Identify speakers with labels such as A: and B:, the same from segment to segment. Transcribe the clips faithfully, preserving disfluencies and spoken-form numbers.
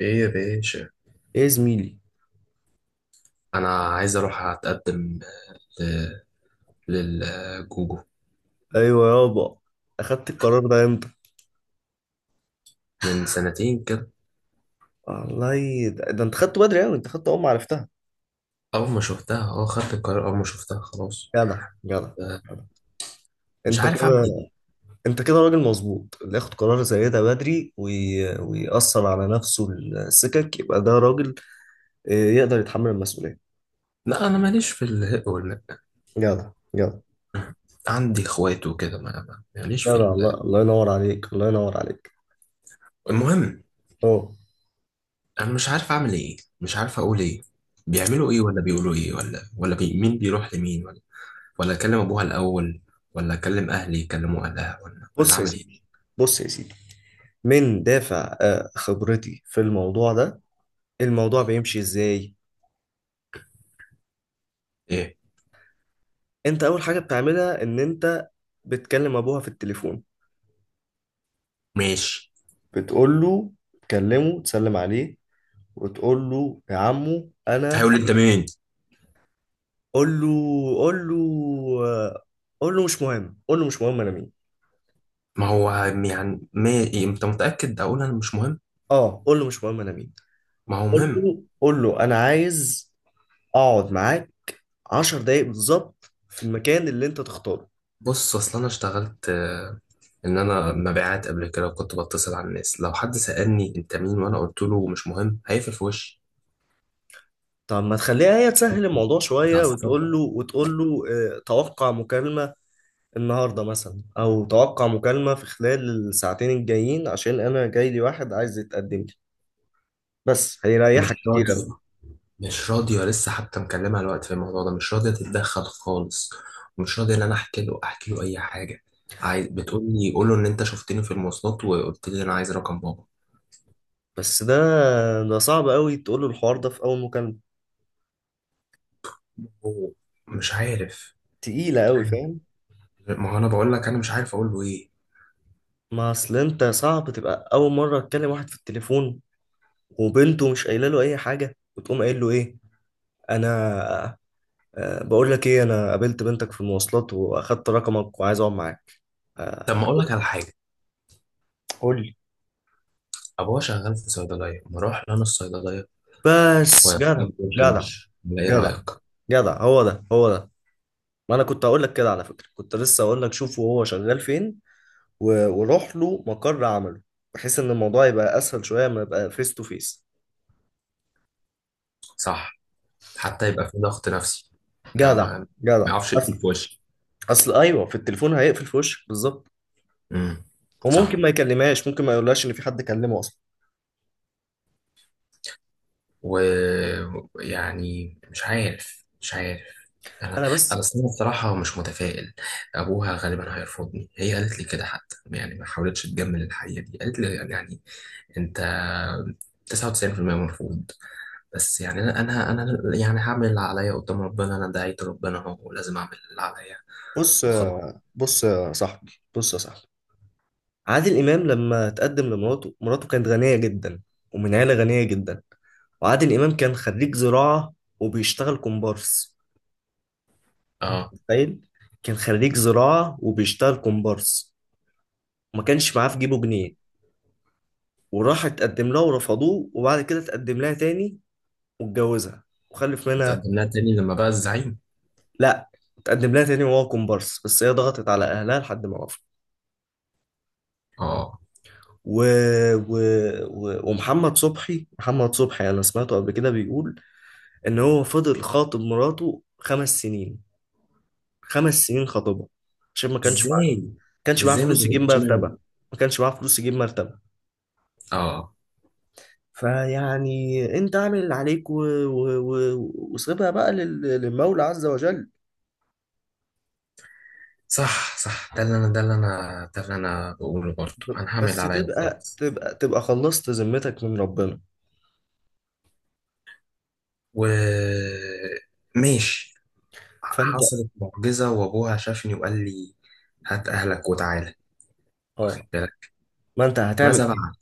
A: ايه يا باشا.
B: ايه يا زميلي.
A: انا عايز اروح اتقدم ل- للجوجو.
B: ايوه يابا. اخدت القرار ده امتى؟
A: من سنتين كده.
B: والله ده, ده انت خدته بدري، يعني انت خدته اول ما عرفتها.
A: اول ما شفتها اه خدت القرار، اول ما شفتها خلاص.
B: جدع جدع.
A: آه.
B: جدع.
A: مش
B: انت كده.
A: عارف اعمل ايه.
B: انت كده راجل مظبوط اللي ياخد قرار زي ده بدري وي... ويأثر على نفسه، السكك، يبقى ده راجل. آه، يقدر يتحمل المسؤولية.
A: لا انا ماليش في الهق والمق.
B: جدع جدع.
A: عندي اخوات وكده، ما ما- ماليش في
B: جدع. الله
A: ال...
B: الله ينور عليك، الله ينور عليك.
A: المهم.
B: اه.
A: انا مش عارف اعمل ايه، مش عارف اقول ايه. بيعملوا ايه ولا بيقولوا ايه ولا ولا بي... مين بيروح لمين؟ ولا ولا اكلم ابوها الاول، ولا اكلم اهلي يكلموا اهلها، ولا ولا
B: بص يا
A: اعمل ايه؟
B: سيدي، بص يا سيدي، من دافع آه، خبرتي في الموضوع ده. الموضوع بيمشي ازاي؟
A: ايه.
B: انت اول حاجه بتعملها ان انت بتكلم ابوها في التليفون.
A: ماشي.
B: بتقول له، تكلمه، تسلم عليه، وتقول له يا عمو انا.
A: هيقول لي انت مين.
B: قول له، قول له، قول له مش مهم، قول له مش مهم انا مين.
A: ما هو يعني ما إيه، انت متأكد اقول انا مش مهم؟
B: اه قول له مش مهم انا مين.
A: ما هو
B: قول
A: مهم.
B: له، قول له انا عايز اقعد معاك عشر دقايق بالظبط في المكان اللي انت تختاره.
A: بص، اصل انا اشتغلت آه، ان انا مبيعات قبل كده، وكنت بتصل على الناس. لو حد سألني انت مين وانا قلت له مش مهم هيقفل في وشي.
B: طب ما تخليها هي تسهل الموضوع شويه،
A: اتعصبت.
B: وتقول له، وتقول له اه، توقع مكالمه النهارده مثلا، او توقع مكالمه في خلال الساعتين الجايين عشان انا جاي لي واحد عايز يتقدم لي. بس
A: مش
B: هيريحك كتير
A: راضية.
B: قوي.
A: مش راضية لسه، حتى مكلمها الوقت في الموضوع ده مش راضية تتدخل خالص. مش راضية ان انا احكي له احكي له اي حاجة. عايز بتقول لي قول له ان انت شفتني في المواصلات وقلت لي انا عايز رقم بابا.
B: بس ده ده صعب قوي تقول له الحوار ده في اول مكالمه.
A: هو مش عارف.
B: تقيله قوي، فاهم؟
A: ما هو انا بقول لك انا مش عارف اقول له ايه.
B: ما اصل انت صعب تبقى اول مره تكلم واحد في التليفون وبنته مش قايله له اي حاجه وتقوم قايل له ايه. انا آه، بقول لك ايه، انا قابلت بنتك في المواصلات واخدت رقمك وعايز اقعد معاك.
A: طب ما
B: آه،
A: اقول لك على حاجه.
B: قول لي.
A: ابوها شغال في صيدليه، ما اروح لأنا الصيدليه.
B: بس جدع. جدع.
A: ومش ايه
B: جدع.
A: رايك؟
B: جدع هو ده هو ده. ما انا كنت هقول لك كده على فكره، كنت لسه هقول لك شوف وهو شغال فين، و- وروح له مقر عمله بحيث ان الموضوع يبقى اسهل شويه، ما يبقى فيس تو فيس.
A: صح. حتى يبقى في ضغط نفسي. لا
B: جدع.
A: ما
B: جدع.
A: ما يعرفش
B: اصل،
A: يقفل في وشي.
B: اصل ايوه في التليفون هيقفل في وشك بالظبط.
A: امم.
B: وممكن
A: صح.
B: ما يكلمهاش، ممكن ما يقولهاش ان في حد كلمه اصلا.
A: ويعني مش عارف مش عارف. انا
B: انا
A: انا
B: بس،
A: أصل أنا بصراحه مش متفائل. ابوها غالبا هيرفضني. هي قالت لي كده حتى، يعني ما حاولتش تجمل الحقيقه دي، قالت لي يعني انت تسعة وتسعون في المية مرفوض. بس يعني انا انا أنا يعني هعمل اللي عليا قدام ربنا. انا دعيت ربنا اهو ولازم اعمل اللي عليا
B: بص
A: وخلاص.
B: يا- بص يا صاحبي، بص يا صاحبي، عادل امام لما تقدم لمراته، مراته كانت غنيه جدا ومن عيله غنيه جدا، وعادل امام كان خريج زراعه وبيشتغل كومبارس.
A: اه.
B: متخيل؟ كان خريج زراعة وبيشتغل كومبارس وما كانش معاه في جيبه جنيه، وراح اتقدم لها ورفضوه، وبعد كده اتقدم لها تاني واتجوزها وخلف منها.
A: تقدم لها تاني لما بقى الزعيم؟
B: لا، اتقدم لها تاني وهو كومبارس بس هي ضغطت على اهلها لحد ما وافق.
A: اه.
B: و... و... و... ومحمد صبحي، محمد صبحي انا سمعته قبل كده بيقول ان هو فضل خاطب مراته خمس سنين. خمس سنين خاطبها عشان ما كانش معاه ما
A: ازاي؟
B: كانش معاه
A: ازاي ما
B: فلوس يجيب
A: زهقتش منه؟
B: مرتبة. ما كانش معاه فلوس يجيب مرتبة
A: اه.
B: فيعني انت اعمل اللي عليك و... و... و... وسيبها بقى لل... للمولى عز وجل.
A: صح، صح. ده اللي انا ده اللي انا ده اللي انا بقوله برضه. انا هعمل
B: بس
A: اللي عليا
B: تبقى
A: وخلاص.
B: تبقى تبقى خلصت ذمتك من ربنا.
A: و ماشي.
B: فانت
A: حصلت معجزة وابوها شافني وقال لي هات اهلك وتعالى. واخد
B: اه،
A: بالك؟
B: ما انت هتعمل
A: ماذا
B: ايه؟
A: بعد؟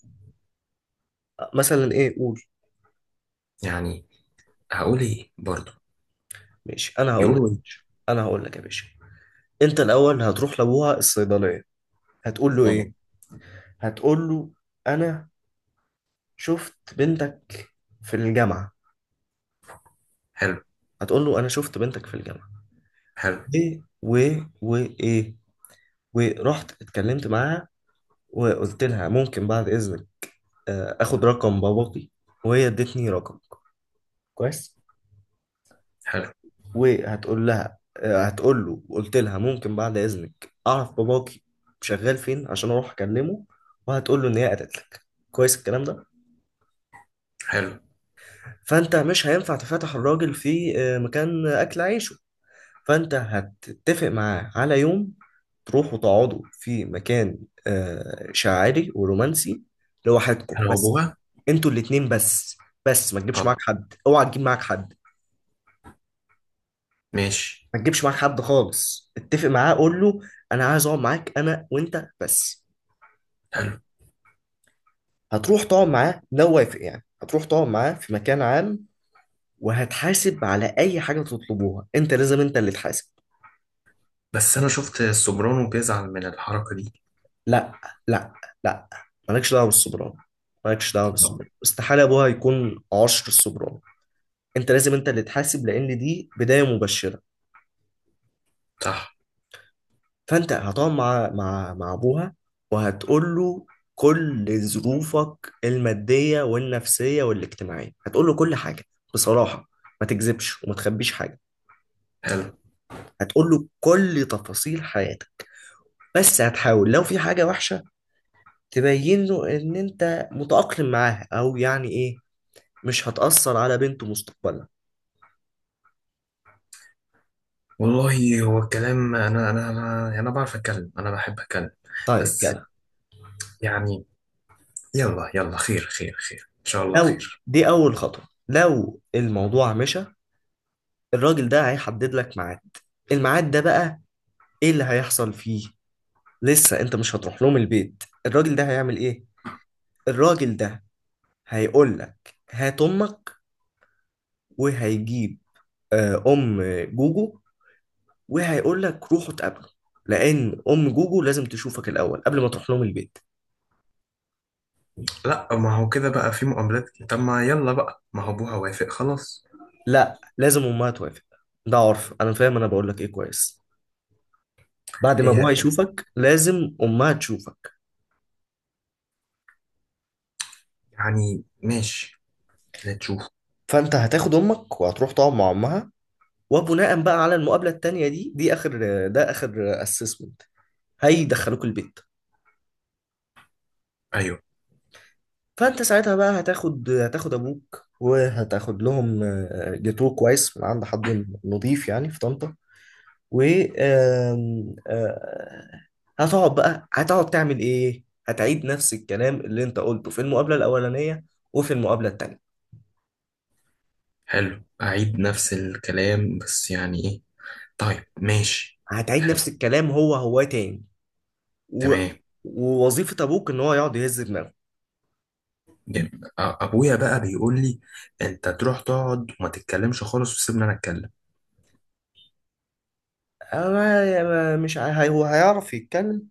B: مثلا ايه، قول.
A: يعني هقول ايه برضه؟
B: ماشي، انا هقول لك يا
A: يقولوا ايه؟
B: باشا، انا هقول لك يا باشا، انت الاول هتروح لابوها الصيدليه، هتقول له
A: اه.
B: ايه؟ هتقول له انا شفت بنتك في الجامعه.
A: حلو.
B: هتقول له انا شفت بنتك في الجامعه
A: حلو.
B: ايه، و و ايه، ورحت اتكلمت معاها وقلت لها ممكن بعد إذنك آه، آخد رقم باباكي، وهي ادتني رقم، كويس.
A: حلو.
B: وهتقول لها آه، هتقول له وقلت لها ممكن بعد إذنك أعرف باباكي شغال فين عشان أروح أكلمه. وهتقول له إن هي قالت لك، كويس الكلام ده.
A: حلو.
B: فأنت مش هينفع تفتح الراجل في آه، مكان أكل عيش، فانت هتتفق معاه على يوم تروحوا تقعدوا في مكان آه، شاعري ورومانسي، لوحدكم
A: حلو،
B: بس،
A: ابوها.
B: انتوا الاتنين بس، بس ما تجيبش معاك
A: اه.
B: حد، اوعى تجيب معاك حد،
A: ماشي.
B: ما تجيبش معاك حد خالص. اتفق معاه، قول له انا عايز اقعد معاك انا وانت بس.
A: حلو.
B: هتروح تقعد معاه، لو وافق يعني، هتروح تقعد معاه في مكان عام، وهتحاسب على اي حاجه تطلبوها، انت لازم انت اللي تحاسب.
A: بس انا شفت السوبرانو بيزعل من الحركه دي.
B: لا، لا، لا، مالكش دعوه بالسوبرانو، مالكش دعوه
A: اه.
B: بالسوبرانو، استحاله ابوها يكون عشر السوبرانو. انت لازم انت اللي تحاسب لان دي بدايه مبشره.
A: صح.
B: فانت هتقعد مع مع مع ابوها، وهتقول له كل ظروفك الماديه والنفسيه والاجتماعيه، هتقول له كل حاجه بصراحه، ما تكذبش وما تخبيش حاجه.
A: حلو.
B: هتقول له كل تفاصيل حياتك، بس هتحاول لو في حاجه وحشه تبين له ان انت متأقلم معاها او يعني ايه، مش هتأثر على بنته مستقبلا.
A: والله هو الكلام، انا انا انا أنا بعرف اتكلم، انا بحب اتكلم.
B: طيب
A: بس
B: كده.
A: يعني، يلا يلا، خير خير خير ان شاء الله
B: لو
A: خير.
B: دي أول خطوة، لو الموضوع مشى، الراجل ده هيحدد لك ميعاد. الميعاد ده بقى إيه اللي هيحصل فيه؟ لسه أنت مش هتروح لهم البيت. الراجل ده هيعمل إيه؟ الراجل ده هيقول لك هات أمك، وهيجيب آه، أم جوجو، وهيقول لك روحوا اتقابلوا، لأن أم جوجو لازم تشوفك الأول قبل ما تروح لهم البيت.
A: لا ما هو كده بقى في مقابلات، طب ما يلا بقى، ما هو ابوها وافق خلاص.
B: لا، لازم أمها توافق. ده عرف، أنا فاهم، أنا بقول لك إيه، كويس. بعد ما
A: هي
B: ابوها يشوفك لازم امها تشوفك.
A: يعني ماشي، نشوف.
B: فانت هتاخد امك وهتروح تقعد مع امها. وبناء بقى على المقابله التانيه دي دي اخر، ده اخر اسسمنت، هيدخلوك البيت.
A: ايوه.
B: فانت ساعتها بقى هتاخد هتاخد ابوك، وهتاخد لهم آه، جاتوه كويس من عند حد نظيف يعني في طنطا. و آم، آه، هتقعد بقى، هتقعد تعمل ايه، هتعيد نفس الكلام اللي انت قلته في المقابله الاولانيه وفي المقابله التانيه.
A: حلو، اعيد نفس الكلام بس يعني ايه؟ طيب ماشي.
B: هتعيد
A: حلو.
B: نفس الكلام هو هو تاني. و...
A: تمام.
B: ووظيفة أبوك إن هو يقعد يهز دماغه.
A: جميل. أ- ابويا بقى بيقول لي انت تروح تقعد وما تتكلمش خالص وسيبني انا اتكلم.
B: أنا ما- مش عا- هي- هو هيعرف يتكلم.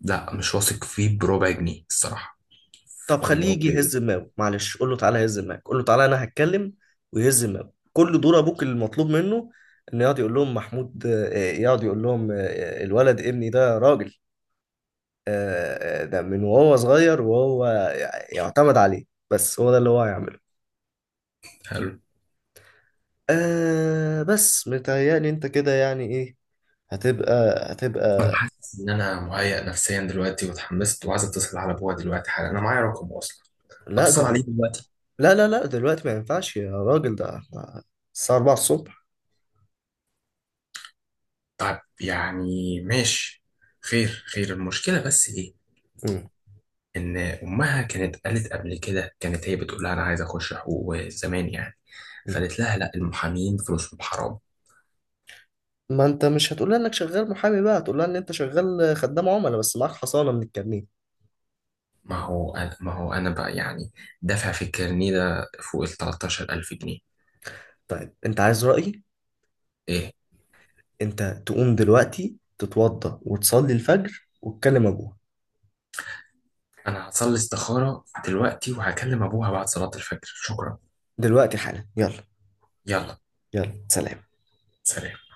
A: لا مش واثق فيه بربع جنيه الصراحه.
B: طب خليه
A: اللي هو
B: يجي
A: بيقول.
B: يهز دماغه، معلش قول له تعالى هز دماغك، قول له تعالى أنا هتكلم ويهز دماغه. كل دور أبوك اللي المطلوب منه إنه يقعد يقول لهم محمود، آه، آه، يقعد يقول لهم آه، آه، الولد ابني ده راجل، آه، آه، ده من وهو صغير وهو يع- يعتمد عليه. بس هو ده اللي هو هيعمله. آه، بس متهيألي أنت كده يعني إيه، هتبقى،
A: انا
B: هتبقى
A: حاسس ان انا مهيأ نفسيا دلوقتي واتحمست، وعايز اتصل على ابويا دلوقتي حالا، انا معايا رقمه اصلا.
B: لا
A: اتصل عليه
B: دلوقتي.
A: دلوقتي.
B: لا لا لا دلوقتي ما ينفعش يا راجل، ده احنا الساعة أربعة الصبح.
A: طب يعني ماشي. خير خير، المشكله بس ايه؟
B: مم.
A: ان امها كانت قالت قبل كده، كانت هي بتقول لها انا عايز اخش حقوق زمان يعني،
B: مم.
A: فقالت لها لا المحامين فلوسهم حرام.
B: ما انت مش هتقول لها انك شغال محامي بقى، هتقول لها ان انت شغال خدام عملاء بس معاك حصانة من الكمين.
A: ما هو أنا ما هو أنا بقى يعني، دافع في الكارنيه ده فوق ال ثلاثة عشر الف جنيه.
B: طيب انت عايز رأيي؟
A: إيه؟
B: انت تقوم دلوقتي تتوضى وتصلي الفجر وتكلم ابوها.
A: أنا هصلي استخارة دلوقتي وهكلم أبوها بعد صلاة الفجر. شكرا.
B: دلوقتي حالا، يلا.
A: يلا.
B: يلا سلام.
A: سلام.